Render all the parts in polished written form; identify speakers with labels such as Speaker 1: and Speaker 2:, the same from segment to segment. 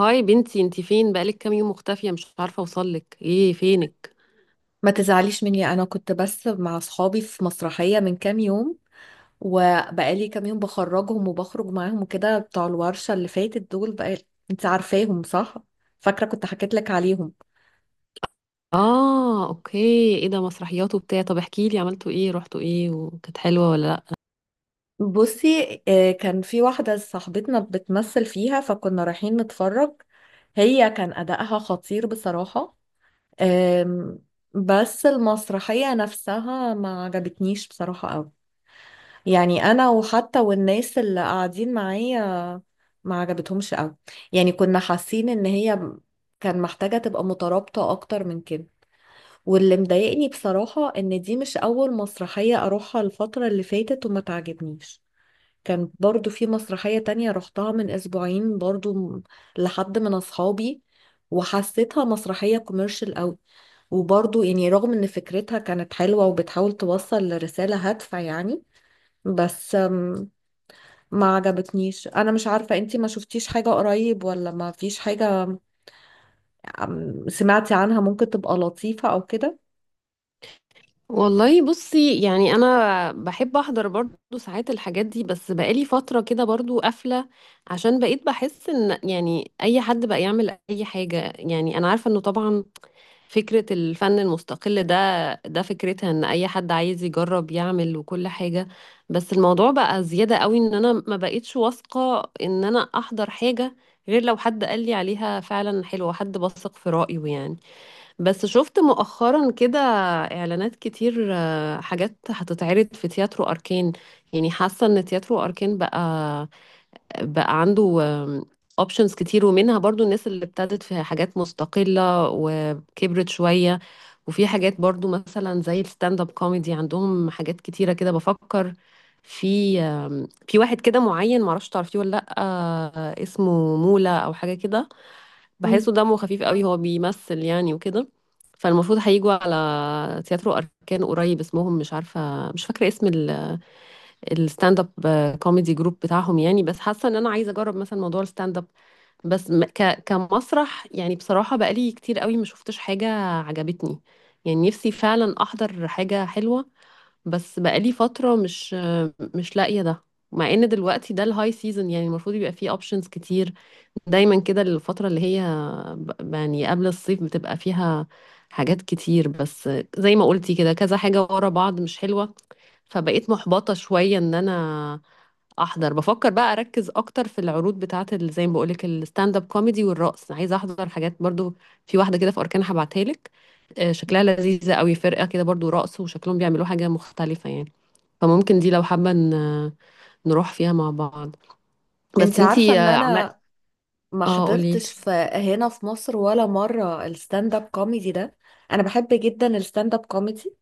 Speaker 1: هاي بنتي، انتي فين؟ بقالك كام يوم مختفية، مش عارفة اوصلك. ايه فينك؟
Speaker 2: ما تزعليش مني، انا كنت بس مع اصحابي في مسرحية من كام يوم. وبقالي كام يوم بخرجهم وبخرج معاهم وكده بتوع الورشة اللي فاتت دول بقى. انت عارفاهم صح؟ فاكرة كنت حكيت لك عليهم.
Speaker 1: اه، اوكي. ايه ده، مسرحيات وبتاع؟ طب احكي لي، عملتوا ايه؟ رحتوا ايه؟ وكانت حلوة ولا لا؟
Speaker 2: بصي، كان في واحدة صاحبتنا بتمثل فيها فكنا رايحين نتفرج. هي كان أداءها خطير بصراحة. آم، بس المسرحية نفسها ما عجبتنيش بصراحة قوي. يعني أنا وحتى والناس اللي قاعدين معايا ما عجبتهمش قوي. يعني كنا حاسين ان هي كان محتاجة تبقى مترابطة اكتر من كده. واللي مضايقني بصراحة ان دي مش اول مسرحية اروحها الفترة اللي فاتت وما تعجبنيش. كان برضو في مسرحية تانية رحتها من اسبوعين برضو لحد من اصحابي. وحسيتها مسرحية كوميرشال قوي. وبرضو يعني رغم ان فكرتها كانت حلوة وبتحاول توصل لرسالة هادفة يعني، بس ما عجبتنيش. انا مش عارفة انتي ما شفتيش حاجة قريب ولا ما فيش حاجة. سمعتي عنها ممكن تبقى لطيفة او كده.
Speaker 1: والله بصي، يعني انا بحب احضر برضو ساعات الحاجات دي، بس بقالي فترة كده برضو قافلة، عشان بقيت بحس ان يعني اي حد بقى يعمل اي حاجة. يعني انا عارفة انه طبعا فكرة الفن المستقل ده فكرتها ان اي حد عايز يجرب يعمل وكل حاجة. بس الموضوع بقى زيادة قوي ان انا ما بقيتش واثقة ان انا احضر حاجة غير لو حد قال لي عليها فعلا حلوة، حد بثق في رأيه يعني. بس شفت مؤخرا كده اعلانات كتير، حاجات هتتعرض في تياترو اركان. يعني حاسة ان تياترو اركان بقى عنده اوبشنز كتير، ومنها برضو الناس اللي ابتدت في حاجات مستقلة وكبرت شوية. وفي حاجات برضو مثلا زي الستاند اب كوميدي، عندهم حاجات كتيرة كده. بفكر في في واحد كده معين، معرفش تعرفيه ولا لأ، اسمه مولا أو حاجة كده.
Speaker 2: مم.
Speaker 1: بحسه دمه خفيف قوي، هو بيمثل يعني وكده. فالمفروض هيجوا على تياترو أركان قريب. اسمهم مش عارفة، مش فاكرة اسم الستاند اب كوميدي جروب بتاعهم يعني. بس حاسه ان انا عايزه اجرب مثلا موضوع الستاند اب. بس م- ك كمسرح يعني، بصراحه بقالي كتير قوي ما شفتش حاجه عجبتني. يعني نفسي فعلا احضر حاجه حلوه، بس بقالي فتره مش لاقيه ده. مع ان دلوقتي ده الهاي سيزون، يعني المفروض يبقى فيه اوبشنز كتير. دايما كده الفتره اللي هي يعني قبل الصيف بتبقى فيها حاجات كتير، بس زي ما قلتي كده كذا حاجه ورا بعض مش حلوه. فبقيت محبطه شويه ان انا احضر. بفكر بقى اركز اكتر في العروض بتاعه زي ما بقولك الستاند اب كوميدي والرقص. عايزه احضر حاجات برضو في واحده كده في اركان، هبعتها لك. شكلها لذيذه قوي، فرقه كده برضو رقص، وشكلهم بيعملوا حاجه مختلفه يعني. فممكن دي لو حابه نروح فيها مع بعض. بس
Speaker 2: انتي عارفة
Speaker 1: انتي،
Speaker 2: ان
Speaker 1: عمال.
Speaker 2: انا ما
Speaker 1: اه، قوليلي.
Speaker 2: حضرتش في هنا في مصر ولا مرة الستاند اب كوميدي ده. انا بحب جدا الستاند اب كوميدي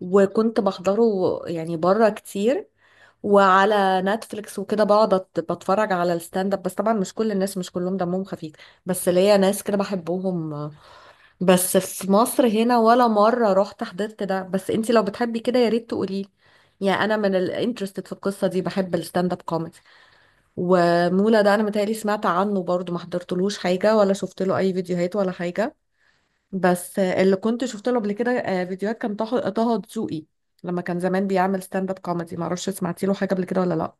Speaker 2: وكنت بحضره، يعني بره كتير. وعلى نتفليكس وكده بقعد بتفرج على الستاند اب، بس طبعا مش كل الناس مش كلهم دمهم خفيف. بس ليا ناس كده بحبهم. بس في مصر هنا ولا مرة رحت حضرت ده. بس انتي لو بتحبي كده يا ريت تقولي. يعني انا من الانترستد في القصة دي، بحب الستاند اب كوميدي. ومولا ده انا متهيألي سمعت عنه برضو، ما حضرتلوش حاجة ولا شفت له اي فيديوهات ولا حاجة. بس اللي كنت شفت له قبل كده فيديوهات كان طه دسوقي. لما كان زمان بيعمل ستاند اب كوميدي. معرفش سمعتي له حاجة قبل كده ولا لا.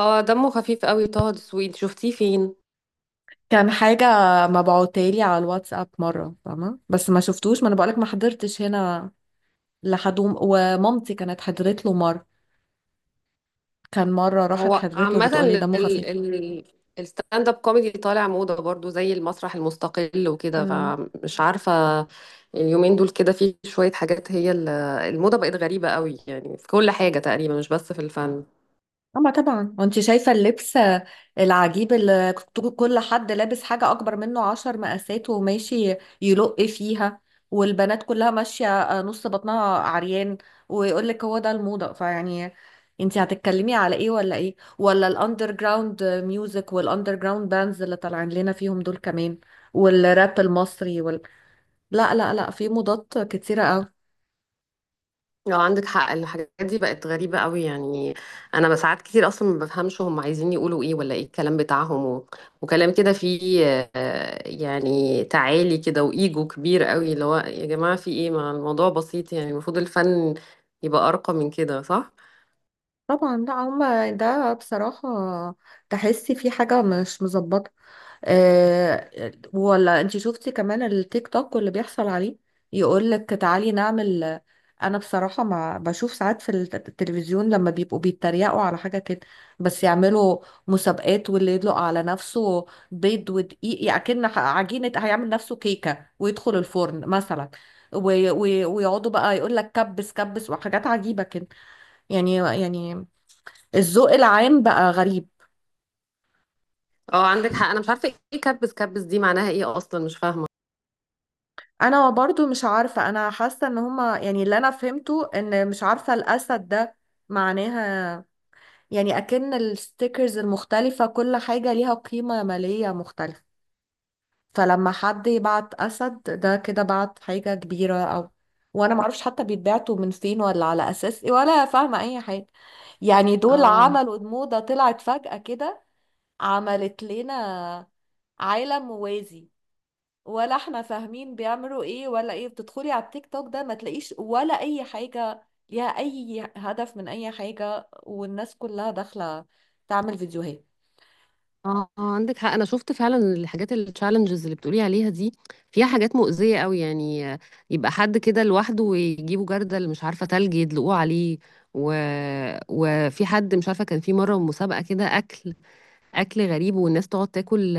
Speaker 1: اه، دمه خفيف قوي طه دسوقي. شفتيه فين؟
Speaker 2: كان حاجة مبعوتالي على الواتساب مرة، فاهمة، بس ما شفتوش. ما انا بقولك ما حضرتش هنا. لحد ومامتي كانت حضرت له مرة. كان مرة راحت
Speaker 1: هو
Speaker 2: حضرت له
Speaker 1: عامة
Speaker 2: بتقولي
Speaker 1: ال
Speaker 2: دمه خفيف.
Speaker 1: ال الستاند اب كوميدي طالع موضة برضو زي المسرح المستقل وكده،
Speaker 2: امم
Speaker 1: فمش عارفة. اليومين دول كده في شوية حاجات، هي الموضة بقت غريبة قوي يعني في كل حاجة تقريبا مش بس في الفن.
Speaker 2: اما طبعا وانت شايفة اللبس العجيب، اللي كل حد لابس حاجة اكبر منه 10 مقاسات وماشي يلق فيها. والبنات كلها ماشية نص بطنها عريان. ويقول لك هو ده الموضة. فيعني انت هتتكلمي على ايه ولا ايه، ولا الاندر جراوند ميوزك والاندر جراوند باندز اللي طالعين لنا فيهم دول كمان، والراب المصري. لا لا لا، في مضادات كتيرة قوي.
Speaker 1: لو عندك حق، الحاجات دي بقت غريبة قوي يعني. أنا ساعات كتير أصلا ما بفهمش هم عايزين يقولوا إيه ولا إيه الكلام بتاعهم، وكلام كده فيه يعني تعالي كده وإيجو كبير قوي، اللي هو يا جماعة في إيه؟ ما الموضوع بسيط يعني، المفروض الفن يبقى أرقى من كده، صح؟
Speaker 2: طبعا لا، هما ده بصراحة تحسي في حاجة مش مظبطة. آه، ولا انت شفتي كمان التيك توك واللي بيحصل عليه. يقول لك تعالي نعمل، انا بصراحة ما بشوف ساعات في التلفزيون لما بيبقوا بيتريقوا على حاجة كده. بس يعملوا مسابقات، واللي يدلق على نفسه بيض ودقيق، يعني أكن عجينة هيعمل نفسه كيكة ويدخل الفرن مثلا. ويقعدوا بقى يقول لك كبس كبس وحاجات عجيبة كده. يعني الذوق العام بقى غريب.
Speaker 1: اه، عندك حق. أنا مش عارفة إيه كبس كبس دي، معناها إيه أصلا، مش فاهمة.
Speaker 2: انا برضو مش عارفة. انا حاسة ان هما، يعني اللي انا فهمته ان، مش عارفة، الاسد ده معناها يعني اكن الستيكرز المختلفة كل حاجة ليها قيمة مالية مختلفة. فلما حد يبعت اسد ده كده بعت حاجة كبيرة او. وانا معرفش حتى بيتبعتوا من فين ولا على اساس ايه، ولا فاهمة اي حاجة. يعني دول
Speaker 1: اه.
Speaker 2: عملوا موضة طلعت فجأة كده، عملت لنا عالم موازي. ولا احنا فاهمين بيعملوا ايه ولا ايه. بتدخلي على التيك توك ده ما تلاقيش ولا اي حاجة ليها اي هدف من اي حاجة، والناس كلها داخلة تعمل فيديوهات.
Speaker 1: اه، عندك حق، انا شفت فعلا الحاجات التشالنجز اللي بتقولي عليها دي فيها حاجات مؤذية قوي يعني. يبقى حد كده لوحده ويجيبوا جردل مش عارفة تلج يدلقوه عليه، و... وفي حد مش عارفة كان في مرة مسابقة كده، اكل اكل غريب، والناس تقعد تاكل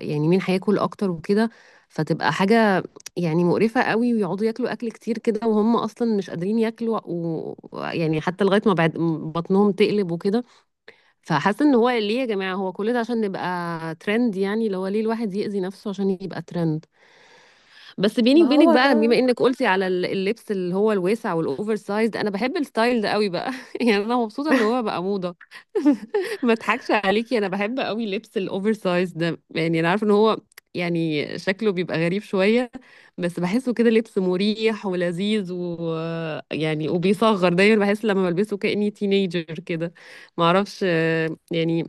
Speaker 1: يعني مين هياكل اكتر وكده. فتبقى حاجة يعني مقرفة قوي، ويقعدوا ياكلوا اكل كتير كده وهم اصلا مش قادرين ياكلوا. ويعني حتى لغاية ما بعد بطنهم تقلب وكده. فحاسه ان هو ليه يا جماعه؟ هو كل ده عشان نبقى ترند يعني؟ اللي هو ليه الواحد يأذي نفسه عشان يبقى ترند؟ بس بيني
Speaker 2: ما
Speaker 1: وبينك
Speaker 2: هو
Speaker 1: بقى،
Speaker 2: ده.
Speaker 1: بما انك قلتي على اللبس اللي هو الواسع والاوفر سايز، انا بحب الستايل ده قوي بقى يعني. انا مبسوطه ان هو بقى موضه. ما اضحكش عليكي، انا بحب قوي لبس الاوفر سايز ده. يعني انا عارفه ان هو يعني شكله بيبقى غريب شويه، بس بحسه كده لبس مريح ولذيذ، ويعني وبيصغر، دايما بحس لما بلبسه كأني تينيجر كده. معرفش، يعني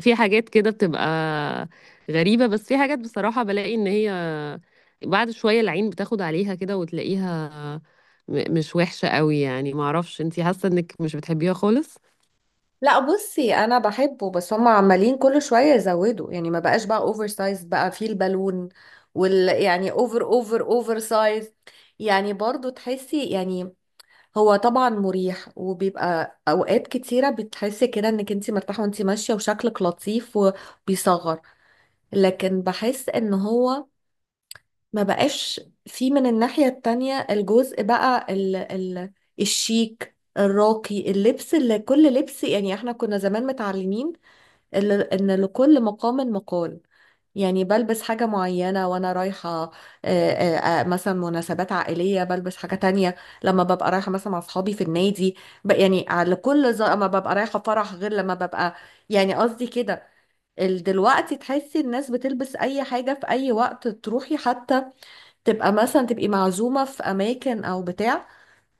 Speaker 1: في حاجات كده بتبقى غريبة، بس في حاجات بصراحة بلاقي ان هي بعد شوية العين بتاخد عليها كده وتلاقيها مش وحشة قوي يعني. معرفش انتي حاسة انك مش بتحبيها خالص؟
Speaker 2: لا بصي، انا بحبه، بس هم عمالين كل شوية يزودوا. يعني ما بقاش بقى اوفر سايز، بقى فيه البالون، وال يعني اوفر اوفر اوفر سايز. يعني برضو تحسي، يعني هو طبعا مريح وبيبقى اوقات كتيره بتحسي كده انك انت مرتاحه وانت ماشيه وشكلك لطيف وبيصغر. لكن بحس ان هو ما بقاش في، من الناحيه التانية، الجزء بقى ال ال الشيك الراقي، اللبس اللي كل لبس. يعني احنا كنا زمان متعلمين إن لكل مقام مقال. يعني بلبس حاجة معينة وأنا رايحة مثلا مناسبات عائلية بلبس حاجة تانية. لما ببقى رايحة مثلا مع أصحابي في النادي يعني على كل ما ببقى رايحة فرح غير لما ببقى. يعني قصدي كده، دلوقتي تحسي الناس بتلبس أي حاجة في أي وقت. تروحي حتى تبقى مثلا، تبقي معزومة في أماكن أو بتاع،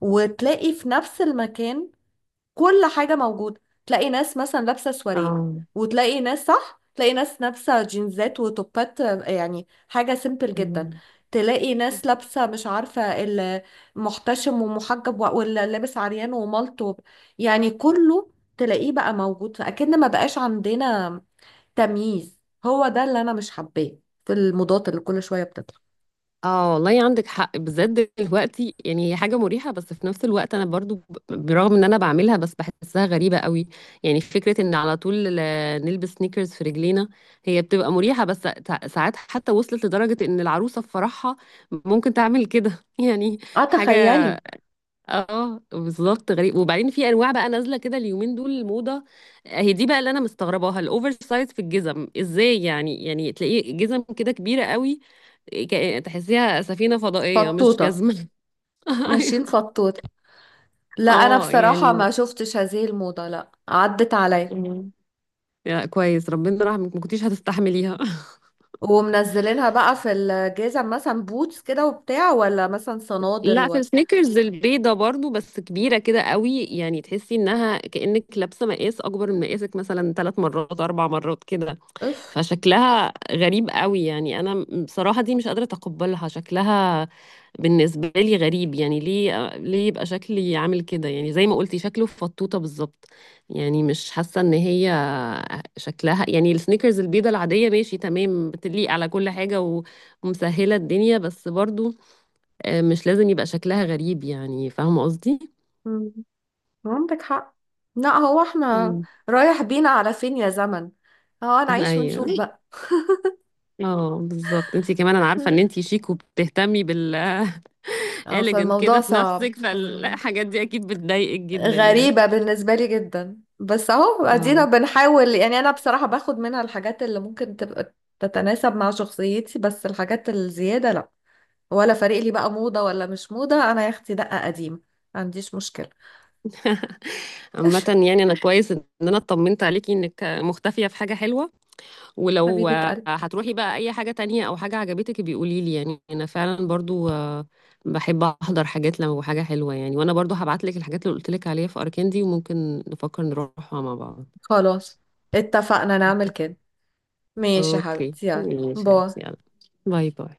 Speaker 2: وتلاقي في نفس المكان كل حاجة موجودة. تلاقي ناس مثلا لابسة سواريه،
Speaker 1: اه.
Speaker 2: وتلاقي ناس، صح، تلاقي ناس لابسة جينزات وتوبات، يعني حاجة سيمبل جدا. تلاقي ناس لابسة، مش عارفة، المحتشم ومحجب واللي لابس عريان وملط يعني كله تلاقيه بقى موجود، فأكن ما بقاش عندنا تمييز. هو ده اللي أنا مش حباه في الموضات اللي كل شوية بتطلع.
Speaker 1: اه والله عندك حق، بالذات دلوقتي. يعني هي حاجة مريحة، بس في نفس الوقت انا برضو برغم ان انا بعملها بس بحسها غريبة قوي. يعني فكرة ان على طول نلبس سنيكرز في رجلينا، هي بتبقى مريحة، بس ساعات حتى وصلت لدرجة ان العروسة في فرحها ممكن تعمل كده يعني
Speaker 2: اه
Speaker 1: حاجة.
Speaker 2: تخيلي.
Speaker 1: اه بالظبط، غريب. وبعدين في انواع بقى نازله كده اليومين دول، الموضه هي دي بقى اللي انا مستغرباها، الاوفر سايز في الجزم ازاي يعني. يعني تلاقيه جزم كده كبيره قوي، تحسيها سفينه فضائيه مش
Speaker 2: فطوطة.
Speaker 1: جزمه. أيوة.
Speaker 2: ماشيين فطوطة. لا انا
Speaker 1: اه
Speaker 2: بصراحة
Speaker 1: يعني.
Speaker 2: ما شفتش هذه الموضة، لا عدت عليا.
Speaker 1: مم. يا كويس ربنا رحمك، ما كنتيش هتستحمليها.
Speaker 2: ومنزلينها بقى في الجزم، مثلا بوتس كده وبتاع، ولا مثلا صنادل
Speaker 1: لا، في السنيكرز البيضه برضو بس كبيره كده قوي، يعني تحسي انها كانك لابسه مقاس اكبر من مقاسك مثلا 3 مرات 4 مرات كده.
Speaker 2: اف.
Speaker 1: فشكلها غريب قوي يعني. انا بصراحة دي مش قادرة اتقبلها. شكلها بالنسبة لي غريب، يعني ليه؟ يبقى شكلي عامل كده يعني زي ما قلتي شكله فطوطة بالظبط. يعني مش حاسة ان هي شكلها، يعني السنيكرز البيضة العادية ماشي تمام، بتليق على كل حاجة، ومسهلة الدنيا، بس برضو مش لازم يبقى شكلها غريب. يعني فاهمة قصدي؟
Speaker 2: مم، عندك حق. لا، هو احنا
Speaker 1: مم.
Speaker 2: رايح بينا على فين يا زمن. هو هنعيش
Speaker 1: ايوه.
Speaker 2: ونشوف بقى.
Speaker 1: اه بالظبط. انتي كمان انا عارفة ان
Speaker 2: مم.
Speaker 1: انتي شيك وبتهتمي بال
Speaker 2: اه،
Speaker 1: elegant
Speaker 2: فالموضوع
Speaker 1: كده في
Speaker 2: صعب.
Speaker 1: نفسك،
Speaker 2: مم.
Speaker 1: فالحاجات دي اكيد بتضايقك جدا يعني.
Speaker 2: غريبة بالنسبة لي جدا، بس اهو ادينا
Speaker 1: اه.
Speaker 2: بنحاول. يعني انا بصراحة باخد منها الحاجات اللي ممكن تبقى تتناسب مع شخصيتي، بس الحاجات الزيادة لا. ولا فارق لي بقى موضة ولا مش موضة، أنا يا أختي دقة قديمة، ما عنديش مشكلة.
Speaker 1: عامة يعني انا كويس ان انا اطمنت عليكي انك مختفية في حاجة حلوة. ولو
Speaker 2: حبيبة قلبي،
Speaker 1: هتروحي بقى اي حاجة تانية او حاجة عجبتك بيقولي لي. يعني انا فعلا برضو بحب احضر حاجات لما حاجة حلوة يعني. وانا برضو هبعت لك الحاجات اللي قلت لك عليها في اركان دي، وممكن نفكر نروحها مع بعض.
Speaker 2: خلاص اتفقنا نعمل
Speaker 1: إنت-
Speaker 2: كده. ماشي يا
Speaker 1: اوكي
Speaker 2: حبيبتي، يلا
Speaker 1: ماشي.
Speaker 2: باي.
Speaker 1: يلا باي باي.